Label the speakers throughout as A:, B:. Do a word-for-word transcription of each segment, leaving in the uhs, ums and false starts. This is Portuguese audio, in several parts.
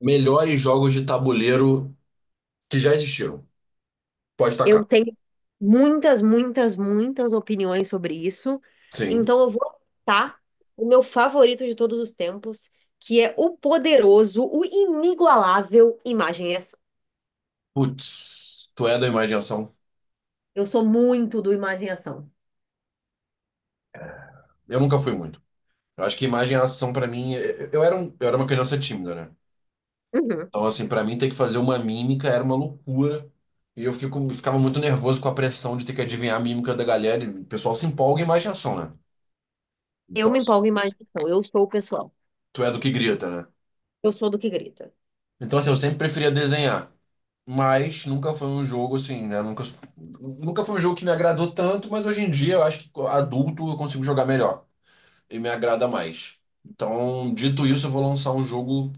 A: Melhores jogos de tabuleiro que já existiram. Pode
B: Eu
A: tacar.
B: tenho muitas, muitas, muitas opiniões sobre isso.
A: Sim.
B: Então eu vou citar o meu favorito de todos os tempos, que é o poderoso, o inigualável Imagem e Ação.
A: Putz, tu é da imaginação.
B: Eu sou muito do Imagem e Ação.
A: Eu nunca fui muito. Eu acho que imagem e ação pra mim, eu eu era um, eu era uma criança tímida, né?
B: Uhum.
A: Então assim, pra mim ter que fazer uma mímica era uma loucura. E eu fico, ficava muito nervoso com a pressão de ter que adivinhar a mímica da galera. E o pessoal se empolga em imagem e ação, né?
B: Eu
A: Então,
B: me
A: assim,
B: empolgo em Imagem e Ação. Eu sou o pessoal.
A: tu é do que grita, né?
B: Eu sou do que grita.
A: Então, assim, eu sempre preferia desenhar. Mas nunca foi um jogo assim, né? Nunca, nunca foi um jogo que me agradou tanto, mas hoje em dia eu acho que adulto eu consigo jogar melhor e me agrada mais. Então, dito isso, eu vou lançar um jogo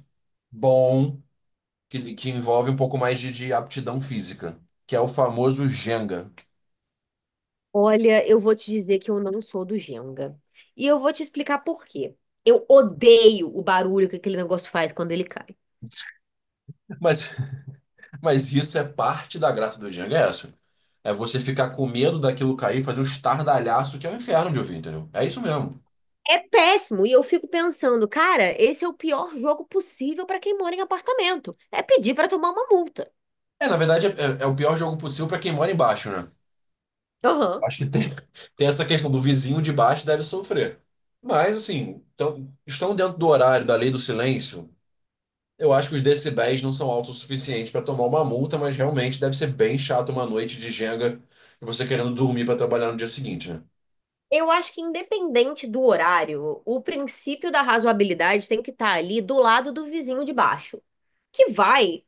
A: bom que, que envolve um pouco mais de, de aptidão física, que é o famoso Jenga.
B: Olha, eu vou te dizer que eu não sou do Jenga. E eu vou te explicar por quê. Eu odeio o barulho que aquele negócio faz quando ele cai.
A: Mas, mas isso é parte da graça do Jenga, é essa. É você ficar com medo daquilo cair, fazer um estardalhaço que é o inferno de ouvir, entendeu? É isso mesmo.
B: É péssimo. E eu fico pensando, cara, esse é o pior jogo possível para quem mora em apartamento. É pedir para tomar uma multa.
A: É, na verdade, é, é- é o pior jogo possível para quem mora embaixo, né?
B: Aham.
A: Acho que tem, tem essa questão do vizinho de baixo deve sofrer. Mas, assim, tão- estão dentro do horário da lei do silêncio. Eu acho que os decibéis não são altos o suficiente para tomar uma multa, mas realmente deve ser bem chato uma noite de Jenga e você querendo dormir para trabalhar no dia seguinte, né?
B: Eu acho que, independente do horário, o princípio da razoabilidade tem que estar ali do lado do vizinho de baixo, que vai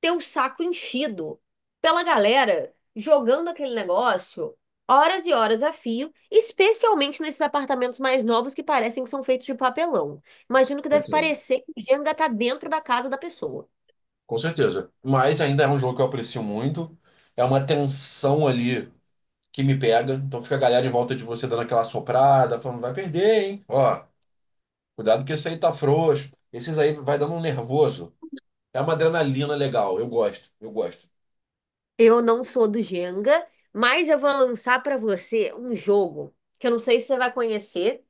B: ter o saco enchido pela galera jogando aquele negócio horas e horas a fio, especialmente nesses apartamentos mais novos que parecem que são feitos de papelão. Imagino que deve
A: Certeza.
B: parecer que o Jenga tá dentro da casa da pessoa.
A: Com certeza. Mas ainda é um jogo que eu aprecio muito. É uma tensão ali que me pega. Então fica a galera em volta de você dando aquela soprada, falando: vai perder, hein? Ó. Cuidado que esse aí tá frouxo. Esses aí vai dando um nervoso. É uma adrenalina legal. Eu gosto, eu gosto.
B: Eu não sou do Jenga, mas eu vou lançar pra você um jogo que eu não sei se você vai conhecer,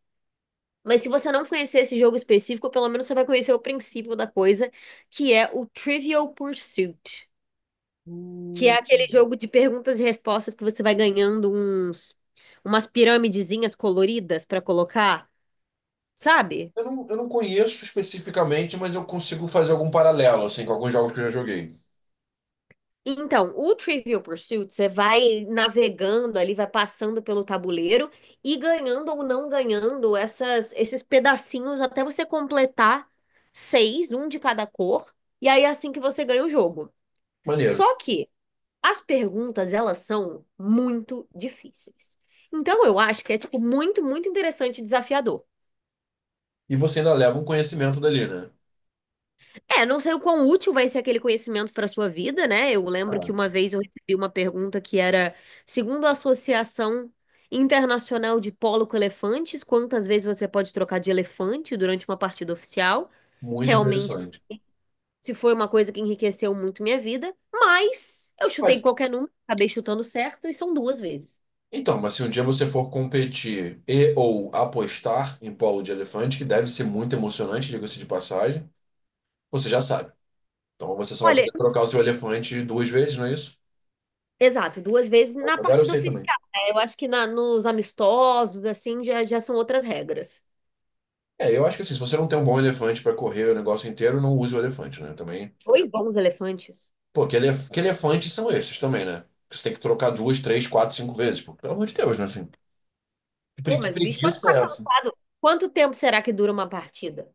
B: mas se você não conhecer esse jogo específico, pelo menos você vai conhecer o princípio da coisa, que é o Trivial Pursuit, que é aquele jogo de perguntas e respostas que você vai ganhando uns umas piramidezinhas coloridas pra colocar, sabe?
A: Eu não, eu não conheço especificamente, mas eu consigo fazer algum paralelo, assim, com alguns jogos que eu já joguei.
B: Então, o Trivial Pursuit, você vai navegando ali, vai passando pelo tabuleiro e ganhando ou não ganhando essas, esses pedacinhos até você completar seis, um de cada cor, e aí é assim que você ganha o jogo.
A: Maneiro.
B: Só que as perguntas, elas são muito difíceis. Então, eu acho que é, tipo, muito, muito interessante e desafiador.
A: E você ainda leva um conhecimento dali, né?
B: É, não sei o quão útil vai ser aquele conhecimento para sua vida, né? Eu lembro
A: Ah,
B: que uma vez eu recebi uma pergunta que era, segundo a Associação Internacional de Polo com Elefantes, quantas vezes você pode trocar de elefante durante uma partida oficial?
A: muito
B: Realmente,
A: interessante.
B: se foi uma coisa que enriqueceu muito minha vida, mas eu chutei
A: Mas,
B: qualquer número, acabei chutando certo e são duas vezes.
A: então, mas se um dia você for competir e ou apostar em polo de elefante, que deve ser muito emocionante, diga-se de passagem, você já sabe. Então você só vai
B: Olha,
A: poder trocar o seu elefante duas vezes, não é isso?
B: exato, duas vezes na
A: Agora eu
B: partida
A: sei também.
B: oficial, né? Eu acho que na- nos amistosos, assim, já, já são outras regras.
A: É, eu acho que assim, se você não tem um bom elefante pra correr o negócio inteiro, não use o elefante, né? Também.
B: Dois bons elefantes.
A: Pô, que, elef... que elefantes são esses também, né? Que você tem que trocar duas, três, quatro, cinco vezes. Pô, pelo amor de Deus, né? Assim, que pre-
B: Pô,
A: que
B: mas o bicho pode
A: preguiça
B: ficar
A: é essa?
B: cansado. Quanto tempo será que dura uma partida?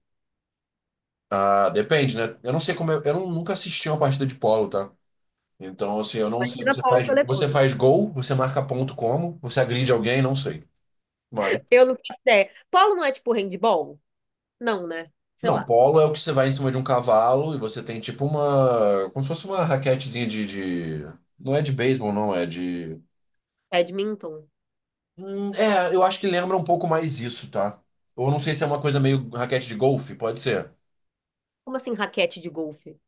A: Ah, depende, né? Eu não sei como. Eu, eu não- nunca assisti uma partida de polo, tá? Então, assim, eu não sei.
B: Imagina
A: Você
B: Paulo
A: faz, você
B: Colepone.
A: faz gol, você marca ponto como, você agride alguém, não sei. Mas.
B: Eu não faço ideia. Polo não é tipo handball? Não, né? Sei
A: Não,
B: lá.
A: polo é o que você vai em cima de um cavalo e você tem tipo uma. Como se fosse uma raquetezinha de... de- Não é de beisebol, não, é de.
B: Badminton?
A: Hum, É, eu acho que lembra um pouco mais isso, tá? Ou não sei se é uma coisa meio raquete de golfe, pode ser.
B: Como assim raquete de golfe?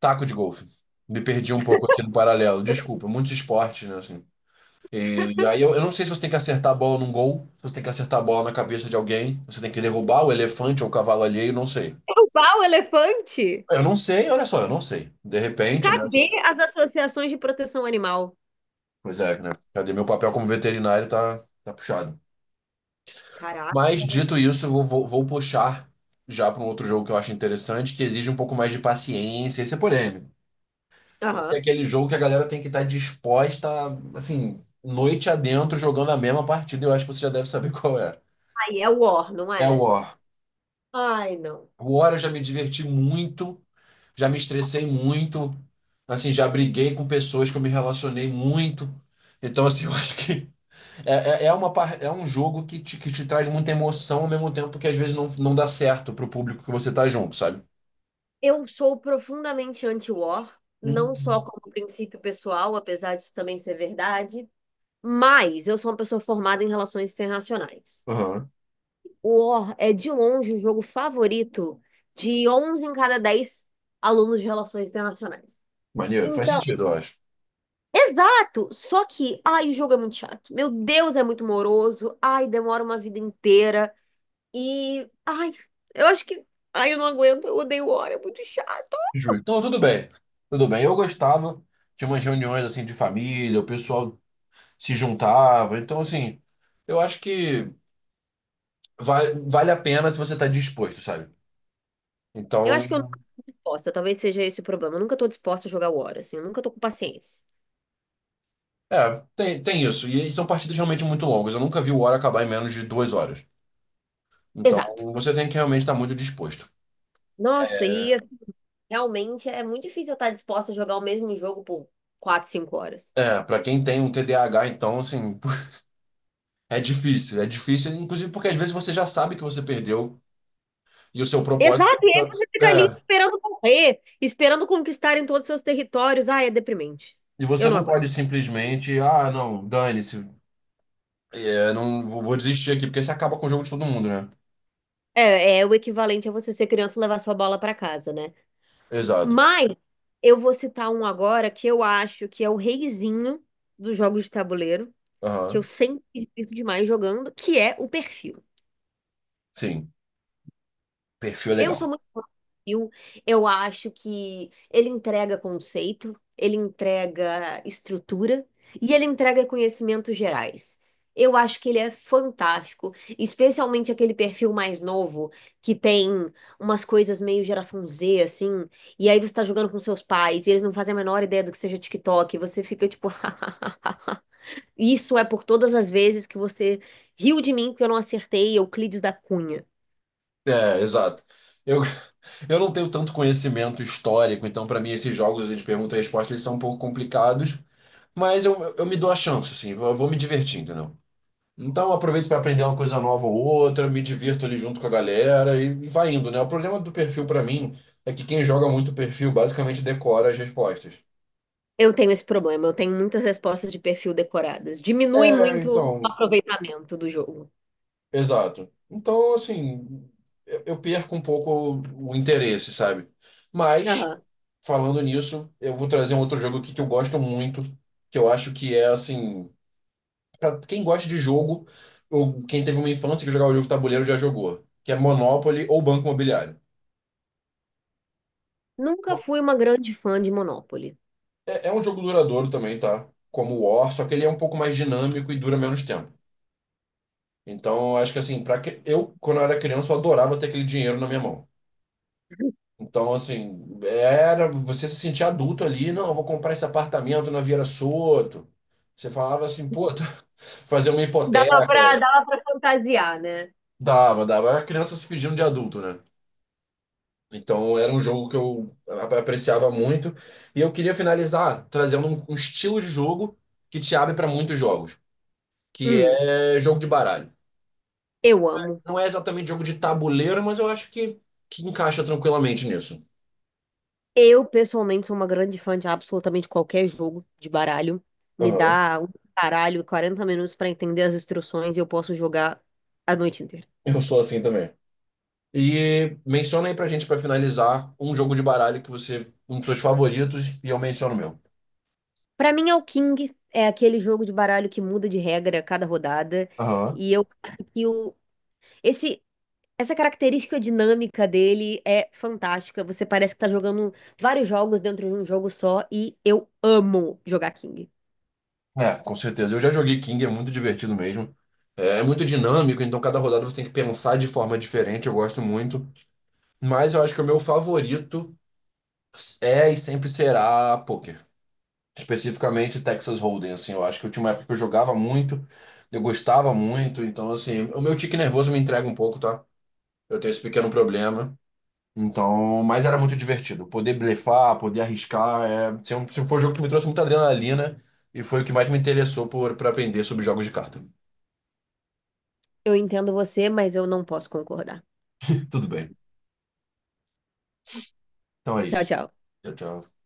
A: Taco de golfe. Me perdi um pouco aqui no paralelo. Desculpa, muitos esportes, né, assim. E aí eu, eu não sei se você tem que acertar a bola num gol, se você tem que acertar a bola na cabeça de alguém, você tem que derrubar o elefante ou o cavalo alheio, não sei.
B: Derrubar o elefante?
A: Eu não sei, olha só, eu não sei. De repente, né? Assim,
B: Cadê as associações de proteção animal?
A: pois é, né? Cadê meu papel como veterinário, tá, tá puxado.
B: Caraca.
A: Mas dito isso, eu vou, vou, vou puxar já para um outro jogo que eu acho interessante, que exige um pouco mais de paciência. Esse é polêmico. Esse é
B: Aham.
A: aquele jogo que a galera tem que estar disposta, assim, noite adentro, jogando a mesma partida. Eu acho que você já deve saber qual é.
B: Aí é war, não
A: É o
B: é?
A: War.
B: Ai, não.
A: O War eu já me diverti muito, já me estressei muito, assim, já briguei com pessoas que eu me relacionei muito. Então, assim, eu acho que É, é, é uma, par- é um jogo que te, que te traz muita emoção ao mesmo tempo que às vezes não, não dá certo pro público que você tá junto, sabe?
B: Eu sou profundamente anti-war, não só
A: Uhum.
B: como princípio pessoal, apesar disso também ser verdade, mas eu sou uma pessoa formada em relações internacionais.
A: Aham.
B: O War é de longe o jogo favorito de onze em cada dez alunos de Relações Internacionais.
A: Maneiro, faz
B: Então,
A: sentido, eu acho.
B: exato! Só que, ai, o jogo é muito chato. Meu Deus, é muito moroso. Ai, demora uma vida inteira. E, ai, eu acho que. Ai, eu não aguento, eu odeio War, é muito chato.
A: Justo. Então, tudo bem. Tudo bem. Eu gostava, tinha umas reuniões assim de família, o pessoal se juntava. Então, assim, eu acho que vale, vale a pena se você tá disposto, sabe?
B: Eu acho que eu
A: Então,
B: nunca tô disposta, talvez seja esse o problema. Eu nunca tô disposta a jogar War, assim, eu nunca tô com paciência.
A: é, tem, tem isso. E são partidas realmente muito longas. Eu nunca vi o War acabar em menos de duas horas. Então,
B: Exato.
A: você tem que realmente estar muito disposto.
B: Nossa, e assim, realmente é muito difícil eu estar disposta a jogar o mesmo jogo por quatro, cinco horas.
A: É, pra quem tem um T D A H, então, assim, é difícil. É difícil, inclusive porque às vezes você já sabe que você perdeu e o seu propósito
B: Exato, e aí
A: fica-
B: você fica ali
A: É,
B: esperando morrer, esperando conquistarem todos os seus territórios. Ah, é deprimente.
A: e você
B: Eu não
A: não
B: aguento.
A: pode simplesmente: ah, não, dane-se, é, não vou, vou desistir aqui, porque você acaba com o jogo de todo mundo, né?
B: É, é o equivalente a você ser criança e levar sua bola pra casa, né?
A: Exato.
B: Mas eu vou citar um agora que eu acho que é o reizinho dos jogos de tabuleiro, que eu
A: Aham,
B: sempre me divirto demais jogando, que é o perfil.
A: sim. Perfil é
B: Eu sou
A: legal.
B: muito fã do Brasil. Eu acho que ele entrega conceito, ele entrega estrutura e ele entrega conhecimentos gerais. Eu acho que ele é fantástico, especialmente aquele perfil mais novo que tem umas coisas meio geração zê, assim, e aí você tá jogando com seus pais e eles não fazem a menor ideia do que seja TikTok, e você fica tipo, isso é por todas as vezes que você riu de mim porque eu não acertei Euclides da Cunha.
A: É, exato. Eu, eu não tenho tanto conhecimento histórico, então para mim esses jogos de pergunta e resposta eles são um pouco complicados, mas eu, eu me dou a chance, assim, eu vou me divertindo. Então, eu aproveito para aprender uma coisa nova ou outra, me divirto ali junto com a galera e e vai indo, né? O problema do perfil para mim é que quem joga muito perfil basicamente decora as respostas.
B: Eu tenho esse problema, eu tenho muitas respostas de perfil decoradas. Diminui
A: É,
B: muito o
A: então,
B: aproveitamento do jogo.
A: exato. Então, assim, eu eu perco um pouco o, o interesse, sabe? Mas,
B: Aham.
A: falando nisso, eu vou trazer um outro jogo aqui que eu gosto muito, que eu acho que é, assim, para quem gosta de jogo, ou quem teve uma infância que jogava jogo de tabuleiro já jogou, que é Monopoly ou Banco Imobiliário.
B: Nunca fui uma grande fã de Monopoly.
A: É, é um jogo duradouro também, tá? Como o War, só que ele é um pouco mais dinâmico e dura menos tempo. Então, eu acho que assim, para que eu quando eu era criança, eu adorava ter aquele dinheiro na minha mão. Então, assim, era você se sentir adulto ali: não, eu vou comprar esse apartamento na Vieira Soto. Você falava assim, pô, fazer uma
B: Dava
A: hipoteca,
B: pra, dava pra fantasiar, né?
A: dava, dava. Era criança se fingindo de adulto, né? Então, era um jogo que eu ap- apreciava muito. E eu queria finalizar trazendo um, um, estilo de jogo que te abre para muitos jogos, que
B: Hum,
A: é jogo de baralho.
B: eu amo.
A: Não é exatamente jogo de tabuleiro, mas eu acho que, que encaixa tranquilamente nisso.
B: Eu, pessoalmente, sou uma grande fã de absolutamente qualquer jogo de baralho. Me
A: Aham.
B: dá um baralho e quarenta minutos pra entender as instruções e eu posso jogar a noite inteira.
A: Eu sou assim também. E menciona aí pra gente, pra finalizar, um jogo de baralho que você, um dos seus favoritos, e eu menciono o meu.
B: Pra mim, é o King. É aquele jogo de baralho que muda de regra a cada rodada.
A: Aham.
B: E eu acho que o, esse Essa característica dinâmica dele é fantástica. Você parece que tá jogando vários jogos dentro de um jogo só e eu amo jogar King.
A: É, com certeza. Eu já joguei King, é muito divertido mesmo. É, é muito dinâmico, então cada rodada você tem que pensar de forma diferente, eu gosto muito. Mas eu acho que o meu favorito é e sempre será poker, especificamente Texas Hold'em, assim, eu acho que eu tinha uma época que eu jogava muito, eu gostava muito, então assim, o meu tique nervoso me entrega um pouco, tá? Eu tenho esse pequeno problema. Então, mas era muito divertido. Poder blefar, poder arriscar, é, se é um- se foi um jogo que me trouxe muita adrenalina e foi o que mais me interessou por para aprender sobre jogos de carta.
B: Eu entendo você, mas eu não posso concordar.
A: Tudo bem. Então é
B: Tchau,
A: isso.
B: tchau.
A: Tchau, tchau.